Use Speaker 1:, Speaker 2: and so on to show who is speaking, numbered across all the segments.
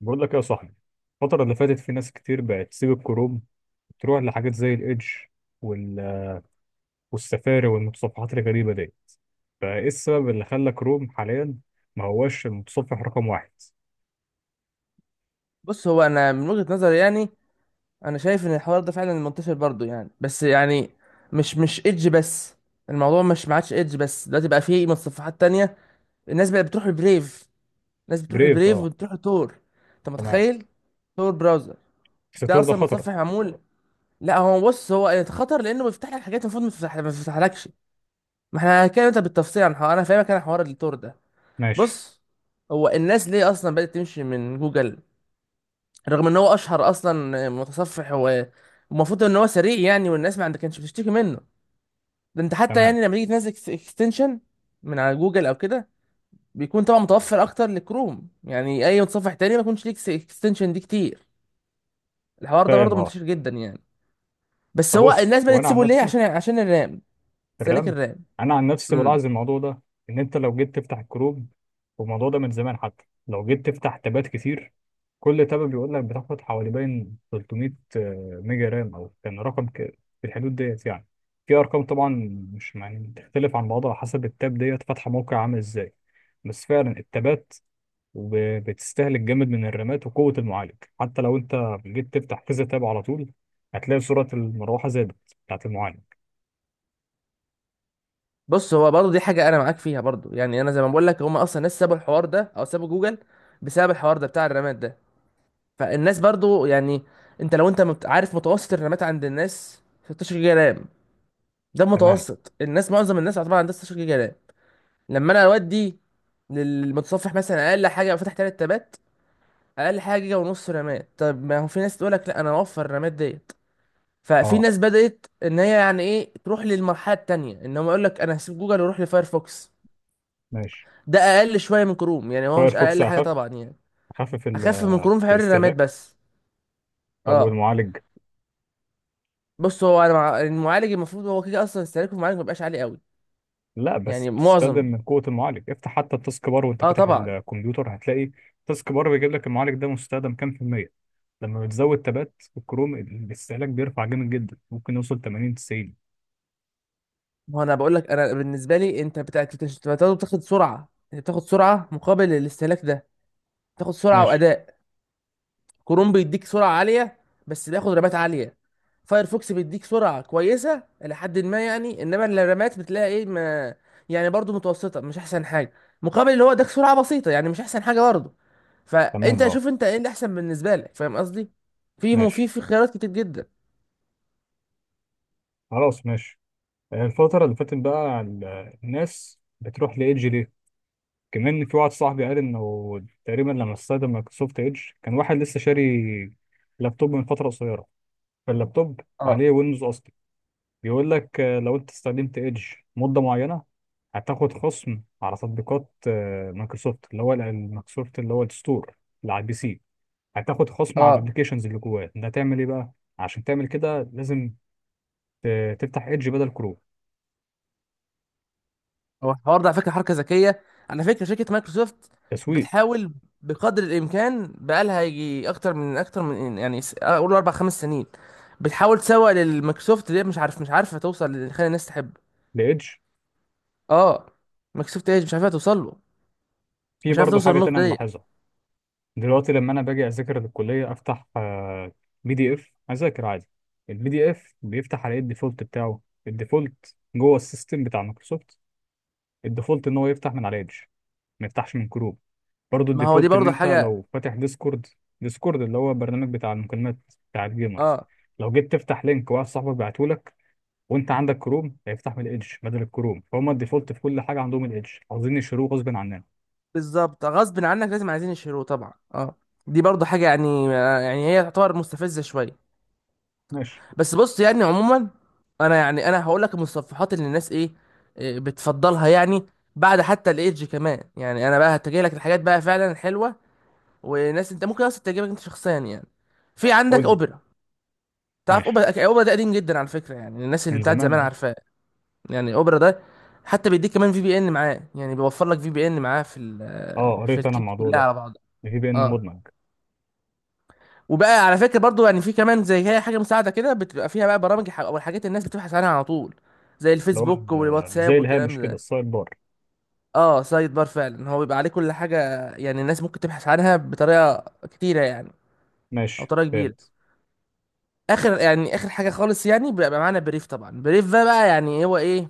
Speaker 1: بقول لك إيه يا صاحبي. الفترة اللي فاتت في ناس كتير بقت تسيب الكروم، تروح لحاجات زي الإيدج وال... والسفاري والمتصفحات الغريبة دي. فإيه السبب اللي خلى كروم حاليا ما هوش المتصفح رقم واحد؟
Speaker 2: بص هو انا من وجهة نظري يعني انا شايف ان الحوار ده فعلا منتشر برضو يعني بس يعني مش ايدج بس. الموضوع مش ما عادش ايدج بس، دلوقتي بقى فيه متصفحات تانية. الناس بقى بتروح البريف، الناس بتروح
Speaker 1: بريف
Speaker 2: البريف
Speaker 1: أه.
Speaker 2: وبتروح التور. انت
Speaker 1: تمام.
Speaker 2: متخيل؟ تور براوزر ده
Speaker 1: الستور ده
Speaker 2: اصلا
Speaker 1: خطر.
Speaker 2: متصفح معمول. لا هو بص هو خطر لانه بيفتح لك حاجات المفروض ما تفتحلكش. ما احنا هنتكلم انت بالتفصيل عن حوار، انا فاهمك، انا حوار التور ده.
Speaker 1: ماشي.
Speaker 2: بص، هو الناس ليه اصلا بدأت تمشي من جوجل رغم ان هو اشهر اصلا متصفح؟ هو المفروض ان هو سريع يعني، والناس ما عند- كانتش بتشتكي منه. ده انت حتى
Speaker 1: تمام.
Speaker 2: يعني لما تيجي تنزل اكستنشن من على جوجل او كده بيكون طبعا متوفر اكتر لكروم، يعني اي متصفح تاني ما يكونش ليك اكستنشن دي كتير. الحوار ده
Speaker 1: فاهم
Speaker 2: برضه
Speaker 1: أه.
Speaker 2: منتشر جدا يعني. بس
Speaker 1: طب
Speaker 2: هو
Speaker 1: بص
Speaker 2: الناس
Speaker 1: هو
Speaker 2: بدأت
Speaker 1: أنا عن
Speaker 2: تسيبه ليه؟
Speaker 1: نفسي
Speaker 2: عشان الرام،
Speaker 1: في
Speaker 2: سلك
Speaker 1: الرمي،
Speaker 2: الرام.
Speaker 1: انا عن نفسي
Speaker 2: امم.
Speaker 1: بلاحظ الموضوع ده، ان انت لو جيت تفتح الكروب، والموضوع ده من زمان، حتى لو جيت تفتح تابات كتير كل تابة بيقول لك بتاخد حوالي باين 300 ميجا رام، او كان رقم في الحدود ديت يعني، في ارقام طبعا، مش يعني بتختلف عن بعضها حسب التاب ديت فاتحه موقع عامل ازاي. بس فعلا التابات بتستهلك جامد من الرامات وقوه المعالج. حتى لو انت جيت تفتح كذا تاب على طول هتلاقي سرعه المروحه زادت، بتاعت المعالج.
Speaker 2: بص هو برضه دي حاجه انا معاك فيها برضه يعني، انا زي ما بقول لك هم اصلا ناس سابوا الحوار ده او سابوا جوجل بسبب الحوار ده بتاع الرامات ده. فالناس برضو يعني انت لو انت عارف متوسط الرامات عند الناس 16 جيجا رام. ده
Speaker 1: تمام.
Speaker 2: المتوسط، الناس معظم الناس طبعا عندها 16 جيجا رام. لما انا اودي للمتصفح مثلا اقل حاجه لو فتح 3 تابات، اقل حاجه جيجا ونص رامات. طب ما هو في ناس تقول لك لا، انا اوفر الرامات ديت. ففي
Speaker 1: اه.
Speaker 2: ناس بدات ان هي يعني ايه تروح للمرحله التانيه ان هم يقول لك انا هسيب جوجل واروح لفايرفوكس.
Speaker 1: ماشي.
Speaker 2: ده اقل شويه من كروم، يعني هو مش
Speaker 1: فايرفوكس
Speaker 2: اقل حاجه
Speaker 1: اخف.
Speaker 2: طبعا يعني.
Speaker 1: اخفف
Speaker 2: اخف من كروم في حوار الرامات
Speaker 1: الاستهلاك.
Speaker 2: بس.
Speaker 1: طب
Speaker 2: اه.
Speaker 1: والمعالج؟
Speaker 2: بص هو انا المعالج المفروض هو كده اصلا استهلاكه في المعالج ما بيبقاش عالي قوي.
Speaker 1: لا بس
Speaker 2: يعني
Speaker 1: بتستخدم
Speaker 2: معظم،
Speaker 1: من قوه المعالج. افتح حتى التاسك بار وانت
Speaker 2: اه
Speaker 1: فاتح
Speaker 2: طبعا.
Speaker 1: الكمبيوتر هتلاقي التاسك بار بيجيب لك المعالج ده مستخدم كام في الميه. لما بتزود تبات الكروم الاستهلاك بيرفع جامد جدا، ممكن يوصل 80 90.
Speaker 2: ما هو انا بقول لك انا بالنسبه لي انت بتاخد سرعه، انت بتاخد سرعه مقابل الاستهلاك ده. بتاخد سرعه
Speaker 1: ماشي.
Speaker 2: واداء. كروم بيديك سرعة عالية بس بياخد رمات عالية. فايرفوكس بيديك سرعة كويسة إلى حد ما يعني، إنما الرمات بتلاقي إيه، ما يعني برضو متوسطة، مش أحسن حاجة، مقابل اللي هو اداك سرعة بسيطة يعني مش أحسن حاجة برضو.
Speaker 1: تمام.
Speaker 2: فأنت
Speaker 1: اه.
Speaker 2: شوف أنت إيه اللي أحسن بالنسبة لك. فاهم قصدي؟ في مو في
Speaker 1: ماشي.
Speaker 2: في خيارات كتير جدا.
Speaker 1: خلاص ماشي. الفتره اللي فاتت بقى الناس بتروح لايدج ليه؟ كمان في واحد صاحبي قال انه تقريبا لما استخدم مايكروسوفت ايدج كان واحد لسه شاري لابتوب من فتره قصيره، فاللابتوب
Speaker 2: اه،
Speaker 1: عليه ويندوز اصلي. بيقول لك لو انت استخدمت ايدج مده معينه هتاخد خصم على تطبيقات مايكروسوفت، اللي هو مايكروسوفت اللي هو الستور اللي على البي سي. هتاخد خصم على
Speaker 2: اه.
Speaker 1: الابلكيشنز اللي جواه. ده تعمل ايه بقى؟ عشان تعمل كده لازم تفتح ايدج بدل كروم.
Speaker 2: هو الحوار ده على فكرة حركة ذكية. على فكرة شركة مايكروسوفت
Speaker 1: تسويق
Speaker 2: بتحاول بقدر الإمكان، بقالها يجي أكتر من أكتر من يعني أقول أربع خمس سنين بتحاول تسوق للمايكروسوفت. ليه مش عارف، مش عارفه توصل اللي خلي الناس تحب.
Speaker 1: لايدج.
Speaker 2: اه. مايكروسوفت ايدج مش عارفه توصل له،
Speaker 1: في
Speaker 2: مش عارفه
Speaker 1: برضه
Speaker 2: توصل
Speaker 1: حاجه تانية
Speaker 2: النقطه ديت.
Speaker 1: ملاحظها، دلوقتي لما انا باجي اذاكر للكليه افتح بي دي اف اذاكر عادي. البي دي اف بيفتح على ايه الديفولت بتاعه؟ الديفولت جوه السيستم بتاع مايكروسوفت، الديفولت ان هو يفتح من على ايدج، ما يفتحش من كروم. برضو
Speaker 2: ما هو دي
Speaker 1: الديفولت ان
Speaker 2: برضه
Speaker 1: انت
Speaker 2: حاجه.
Speaker 1: لو فاتح ديسكورد، ديسكورد اللي هو برنامج بتاع المكالمات بتاع الجيمرز،
Speaker 2: اه
Speaker 1: لو جيت تفتح لينك واحد صاحبك بعته لك وانت عندك كروم هيفتح من الايدج بدل الكروم. فهم الديفولت في كل حاجه عندهم الايدج، عاوزين يشتروه غصب عننا.
Speaker 2: بالظبط، غصب عنك لازم عايزين يشيلوه طبعا، اه. دي برضه حاجه يعني، يعني هي تعتبر مستفزه شويه.
Speaker 1: ماشي.
Speaker 2: بس بص يعني عموما انا يعني انا هقول لك المتصفحات اللي الناس ايه، إيه بتفضلها يعني بعد حتى الايدج كمان. يعني انا بقى هتجي لك الحاجات بقى فعلا الحلوه، وناس انت ممكن اصلا تعجبك انت شخصيا يعني. في عندك
Speaker 1: قول لي.
Speaker 2: اوبرا. تعرف
Speaker 1: ماشي.
Speaker 2: اوبرا؟ اوبرا ده قديم جدا على فكره، يعني الناس اللي
Speaker 1: من
Speaker 2: بتاعت
Speaker 1: زمان
Speaker 2: زمان
Speaker 1: اهو.
Speaker 2: عارفاه. يعني اوبرا ده حتى بيديك كمان في بي ان معاه، يعني بيوفر لك في بي ان معاه في
Speaker 1: اه
Speaker 2: في
Speaker 1: قريت انا
Speaker 2: الكيت
Speaker 1: الموضوع
Speaker 2: كلها
Speaker 1: ده،
Speaker 2: على بعضها.
Speaker 1: الفي بي ان
Speaker 2: اه.
Speaker 1: مدمج.
Speaker 2: وبقى على فكره برضو يعني في كمان زي هي حاجه مساعده كده بتبقى فيها بقى برامج او الحاجات الناس بتبحث عنها على طول زي
Speaker 1: اللي هو
Speaker 2: الفيسبوك
Speaker 1: زي
Speaker 2: والواتساب والكلام
Speaker 1: الهامش كده،
Speaker 2: ده.
Speaker 1: السايد بار.
Speaker 2: اه، سايد بار فعلا هو بيبقى عليه كل حاجه. يعني الناس ممكن تبحث عنها بطريقه كتيره يعني، او
Speaker 1: ماشي
Speaker 2: طريقه كبيره.
Speaker 1: فهمت.
Speaker 2: اخر يعني اخر حاجه خالص يعني بيبقى معانا بريف طبعا. بريف ده بقى يعني هو ايه؟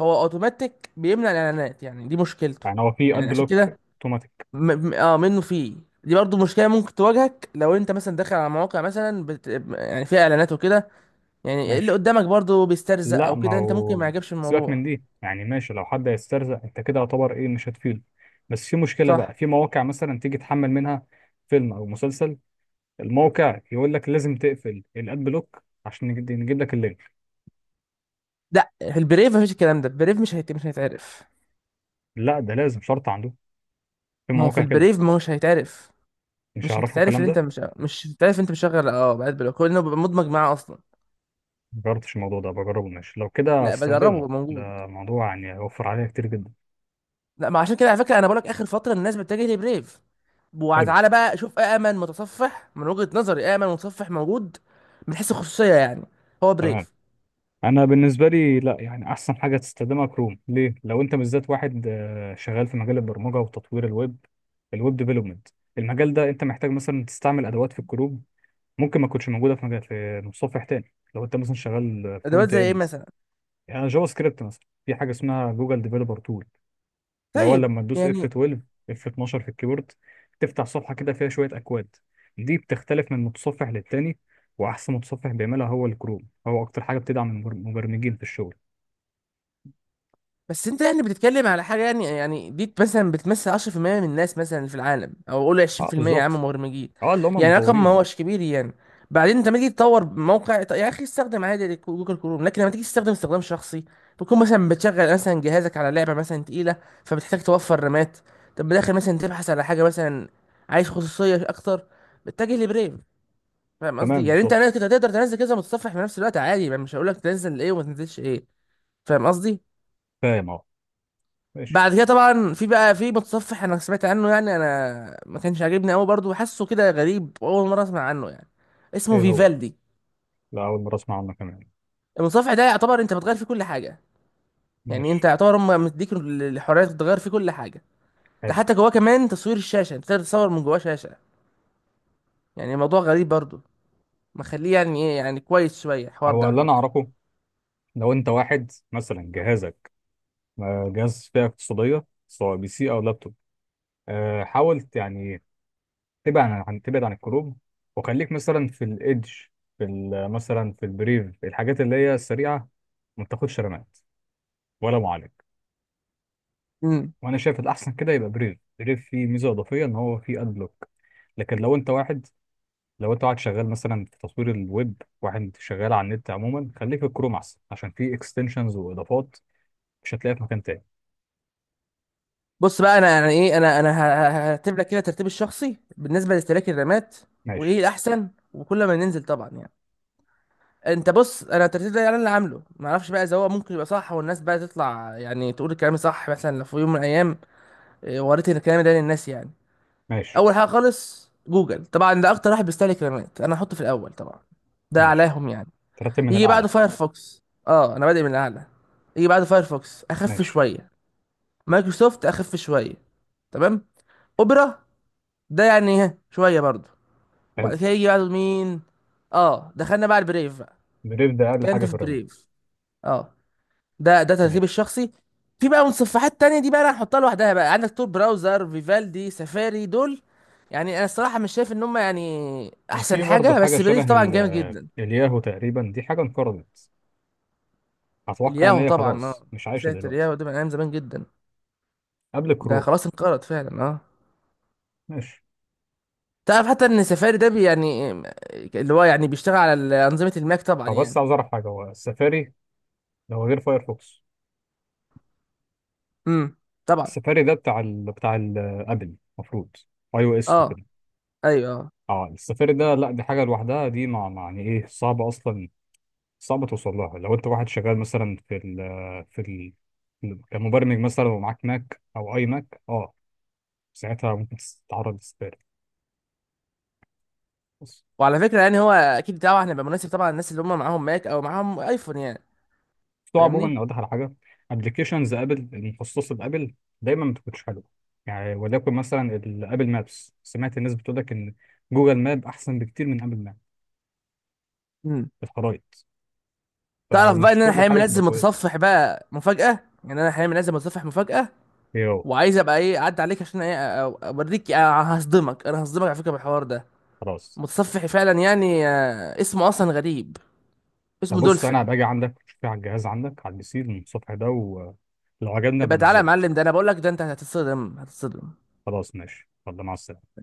Speaker 2: هو اوتوماتيك بيمنع الاعلانات، يعني دي مشكلته
Speaker 1: يعني هو في اد
Speaker 2: يعني. عشان
Speaker 1: بلوك
Speaker 2: كده
Speaker 1: اوتوماتيك؟
Speaker 2: منه فيه. دي برضو مشكله ممكن تواجهك لو انت مثلا داخل على مواقع مثلا يعني فيها اعلانات وكده. يعني اللي
Speaker 1: ماشي.
Speaker 2: قدامك برضو بيسترزق
Speaker 1: لا
Speaker 2: او
Speaker 1: ما
Speaker 2: كده، انت ممكن ما
Speaker 1: هو
Speaker 2: يعجبش
Speaker 1: سيبك من
Speaker 2: الموضوع.
Speaker 1: دي، يعني ماشي، لو حد هيسترزق انت كده يعتبر ايه مش هتفيده. بس في مشكلة
Speaker 2: صح.
Speaker 1: بقى في مواقع مثلا تيجي تحمل منها فيلم او مسلسل، الموقع يقول لك لازم تقفل الاد بلوك عشان نجيب لك اللينك.
Speaker 2: لا في البريف مفيش الكلام ده، البريف مش هيتعرف.
Speaker 1: لا ده لازم شرط عنده، في
Speaker 2: ما هو في
Speaker 1: مواقع كده
Speaker 2: البريف ما هوش هيتعرف،
Speaker 1: مش
Speaker 2: مش
Speaker 1: هيعرفوا
Speaker 2: هتتعرف
Speaker 1: الكلام
Speaker 2: ان انت
Speaker 1: ده.
Speaker 2: مش هتتعرف انت مشغل اه بقى بلوك لانه بيبقى مدمج معاه اصلا.
Speaker 1: مجربتش الموضوع ده، بجربه ماشي، لو كده
Speaker 2: لا بجربه
Speaker 1: هستخدمه.
Speaker 2: بيبقى موجود.
Speaker 1: ده موضوع يعني هيوفر عليا كتير جدا.
Speaker 2: لا ما، عشان كده على فكره انا بقولك اخر فتره الناس بتتجه لبريف.
Speaker 1: حلو.
Speaker 2: وتعالى بقى شوف أأمن متصفح من وجهة نظري، أأمن متصفح موجود من حيث الخصوصية يعني هو
Speaker 1: تمام.
Speaker 2: بريف.
Speaker 1: انا بالنسبه لي لا، يعني احسن حاجه تستخدمها كروم. ليه؟ لو انت بالذات واحد شغال في مجال البرمجه وتطوير الويب، الويب ديفلوبمنت، المجال ده انت محتاج مثلا تستعمل ادوات في الكروم ممكن ما تكونش موجوده في مجال في متصفح تاني. لو انت مثلا شغال
Speaker 2: أدوات
Speaker 1: فرونت
Speaker 2: زي إيه
Speaker 1: اند،
Speaker 2: مثلا؟
Speaker 1: يعني جافا سكريبت مثلا، في حاجه اسمها جوجل ديفلوبر تول، اللي هو
Speaker 2: طيب.
Speaker 1: لما تدوس اف
Speaker 2: يعني
Speaker 1: 12، اف 12 في الكيبورد تفتح صفحه كده فيها شويه اكواد، دي بتختلف من متصفح للتاني، واحسن متصفح بيعملها هو الكروم، هو اكتر حاجه بتدعم المبرمجين في الشغل.
Speaker 2: بس انت يعني بتتكلم على حاجه يعني، يعني دي مثلا بتمثل 10% من الناس مثلا في العالم، او قول
Speaker 1: اه
Speaker 2: 20% يا عم
Speaker 1: بالظبط.
Speaker 2: مبرمجين.
Speaker 1: اه اللي هم
Speaker 2: يعني رقم ما
Speaker 1: المطورين.
Speaker 2: هوش كبير يعني. بعدين انت لما تيجي تطور موقع طيب يا اخي استخدم عادي جوجل كروم، لكن لما تيجي تستخدم استخدام شخصي بتكون مثلا بتشغل مثلا جهازك على لعبه مثلا تقيله فبتحتاج توفر رامات. طب بداخل مثلا تبحث على حاجه مثلا عايز خصوصيه اكتر، بتتجه لبريف. فاهم قصدي؟
Speaker 1: تمام
Speaker 2: يعني انت
Speaker 1: بالظبط.
Speaker 2: كنت هتقدر تنزل كذا متصفح في نفس الوقت عادي، ما مش هقول لك تنزل ايه وما تنزلش ايه. فاهم قصدي؟
Speaker 1: فاهم اه. ماشي.
Speaker 2: بعد كده طبعا في بقى في متصفح انا سمعت عنه يعني، انا ما كانش عاجبني قوي برضه، حاسه كده غريب اول مره اسمع عنه يعني. اسمه
Speaker 1: ايه هو؟
Speaker 2: فيفالدي.
Speaker 1: لا اول مره اسمع عنه كمان.
Speaker 2: المتصفح ده يعتبر انت بتغير فيه كل حاجه. يعني انت
Speaker 1: ماشي.
Speaker 2: يعتبر هم مديك الحريه تغير فيه كل حاجه. ده
Speaker 1: حلو.
Speaker 2: حتى جواه كمان تصوير الشاشه انت تقدر تصور من جواه شاشه. يعني الموضوع غريب برضه، مخليه يعني ايه يعني كويس شويه الحوار ده
Speaker 1: هو
Speaker 2: على
Speaker 1: اللي انا
Speaker 2: فكره.
Speaker 1: اعرفه لو انت واحد مثلا جهازك جهاز فئه اقتصاديه سواء بي سي او لابتوب، حاول يعني تبعد عن تبعد عن الكروب، وخليك مثلا في الايدج، في مثلا في البريف، في الحاجات اللي هي السريعه ما تاخدش رامات ولا معالج.
Speaker 2: امم.
Speaker 1: وانا شايف الاحسن كده يبقى بريف، بريف فيه ميزه اضافيه ان هو فيه اد بلوك. لكن لو انت واحد، لو انت قاعد شغال مثلا في تصوير الويب، واحد شغال على النت عموما، خليك في الكروم احسن، عشان في اكستنشنز واضافات مش هتلاقيها في مكان تاني.
Speaker 2: بص بقى انا يعني ايه، انا هرتب لك كده ترتيب الشخصي بالنسبه لاستهلاك الرامات. وايه
Speaker 1: ماشي.
Speaker 2: الاحسن وكل ما ننزل طبعا يعني. انت بص، انا الترتيب ده انا اللي عامله، ما اعرفش بقى اذا هو ممكن يبقى صح والناس بقى تطلع يعني تقول الكلام صح مثلا لو في يوم من الايام اه، وريت الكلام ده للناس يعني.
Speaker 1: ماشي.
Speaker 2: اول حاجه خالص جوجل طبعا، ده اكتر واحد بيستهلك الكلمات، انا هحطه في الاول طبعا، ده
Speaker 1: ماشي.
Speaker 2: اعلاهم يعني.
Speaker 1: ترتب من
Speaker 2: يجي
Speaker 1: الاعلى.
Speaker 2: بعده فايرفوكس. اه انا بادئ من الاعلى. يجي بعده فايرفوكس اخف
Speaker 1: ماشي.
Speaker 2: شويه. مايكروسوفت اخف شويه. تمام. اوبرا ده يعني ها شويه برضه. وبعد
Speaker 1: حلو.
Speaker 2: كده يجي بعده مين؟ اه دخلنا بقى على البريف بقى.
Speaker 1: بريف ده اقل
Speaker 2: كده انت
Speaker 1: حاجه في
Speaker 2: في
Speaker 1: الرماد.
Speaker 2: بريف. اه. ده ترتيب
Speaker 1: ماشي.
Speaker 2: الشخصي. في بقى متصفحات تانية، دي بقى انا هحطها لوحدها، بقى عندك تور براوزر، فيفالدي، سفاري، دول يعني انا الصراحة مش شايف ان هم يعني
Speaker 1: وفي
Speaker 2: احسن
Speaker 1: برضه
Speaker 2: حاجة،
Speaker 1: حاجه
Speaker 2: بس بريف
Speaker 1: شبه
Speaker 2: طبعا جامد جدا.
Speaker 1: الياهو تقريبا، دي حاجه انقرضت، اتوقع ان
Speaker 2: الياهو
Speaker 1: هي
Speaker 2: طبعا
Speaker 1: خلاص
Speaker 2: اه.
Speaker 1: مش عايشه
Speaker 2: ساتر،
Speaker 1: دلوقتي.
Speaker 2: ياهو ده من ايام زمان جدا.
Speaker 1: قبل
Speaker 2: ده
Speaker 1: كروم.
Speaker 2: خلاص انقرض فعلا اه.
Speaker 1: ماشي.
Speaker 2: تعرف حتى ان سفاري ده بي يعني، اللي هو يعني بيشتغل على انظمة الماك طبعا
Speaker 1: او بس
Speaker 2: يعني.
Speaker 1: عاوز اعرف حاجه، هو السفاري ده هو غير فايرفوكس؟
Speaker 2: امم. طبعا.
Speaker 1: السفاري ده بتاع ابل المفروض، اي او اس.
Speaker 2: اه ايوه اه.
Speaker 1: اه السفير ده لا، دي حاجه لوحدها، دي ما يعني ايه صعبه اصلا، صعبه توصل لها. لو انت واحد شغال مثلا في في ال كمبرمج مثلا ومعاك ماك او اي ماك اه، ساعتها ممكن تتعرض للسفير بس.
Speaker 2: وعلى فكرة يعني هو اكيد طبعا هيبقى مناسب طبعا للناس اللي هم معاهم ماك او معاهم ايفون يعني.
Speaker 1: بتوع
Speaker 2: فاهمني.
Speaker 1: عموما اوضح على حاجه، ابلكيشنز ابل المخصصه لابل دايما ما بتكونش حلوه، يعني وليكن مثلا الابل مابس، سمعت الناس بتقول لك ان جوجل ماب احسن بكتير من ابل ماب في الخرائط.
Speaker 2: تعرف بقى
Speaker 1: فمش
Speaker 2: ان انا
Speaker 1: كل
Speaker 2: حاليا
Speaker 1: حاجه تبقى
Speaker 2: منزل
Speaker 1: كويسه.
Speaker 2: متصفح بقى مفاجأة. يعني انا حاليا منزل متصفح مفاجأة.
Speaker 1: يو.
Speaker 2: وعايز ابقى ايه اعدي عليك عشان ايه اوريك هصدمك. انا هصدمك على فكرة بالحوار ده.
Speaker 1: خلاص.
Speaker 2: متصفحي فعلا يعني اسمه اصلا غريب.
Speaker 1: طب
Speaker 2: اسمه
Speaker 1: بص
Speaker 2: دولفين.
Speaker 1: انا باجي عندك في على الجهاز عندك على البي سي من الصبح ده، ولو عجبنا
Speaker 2: ابقى تعالى يا
Speaker 1: بنزله.
Speaker 2: معلم، ده انا بقول لك، ده انت هتتصدم هتتصدم.
Speaker 1: خلاص ماشي، يلا مع السلامه.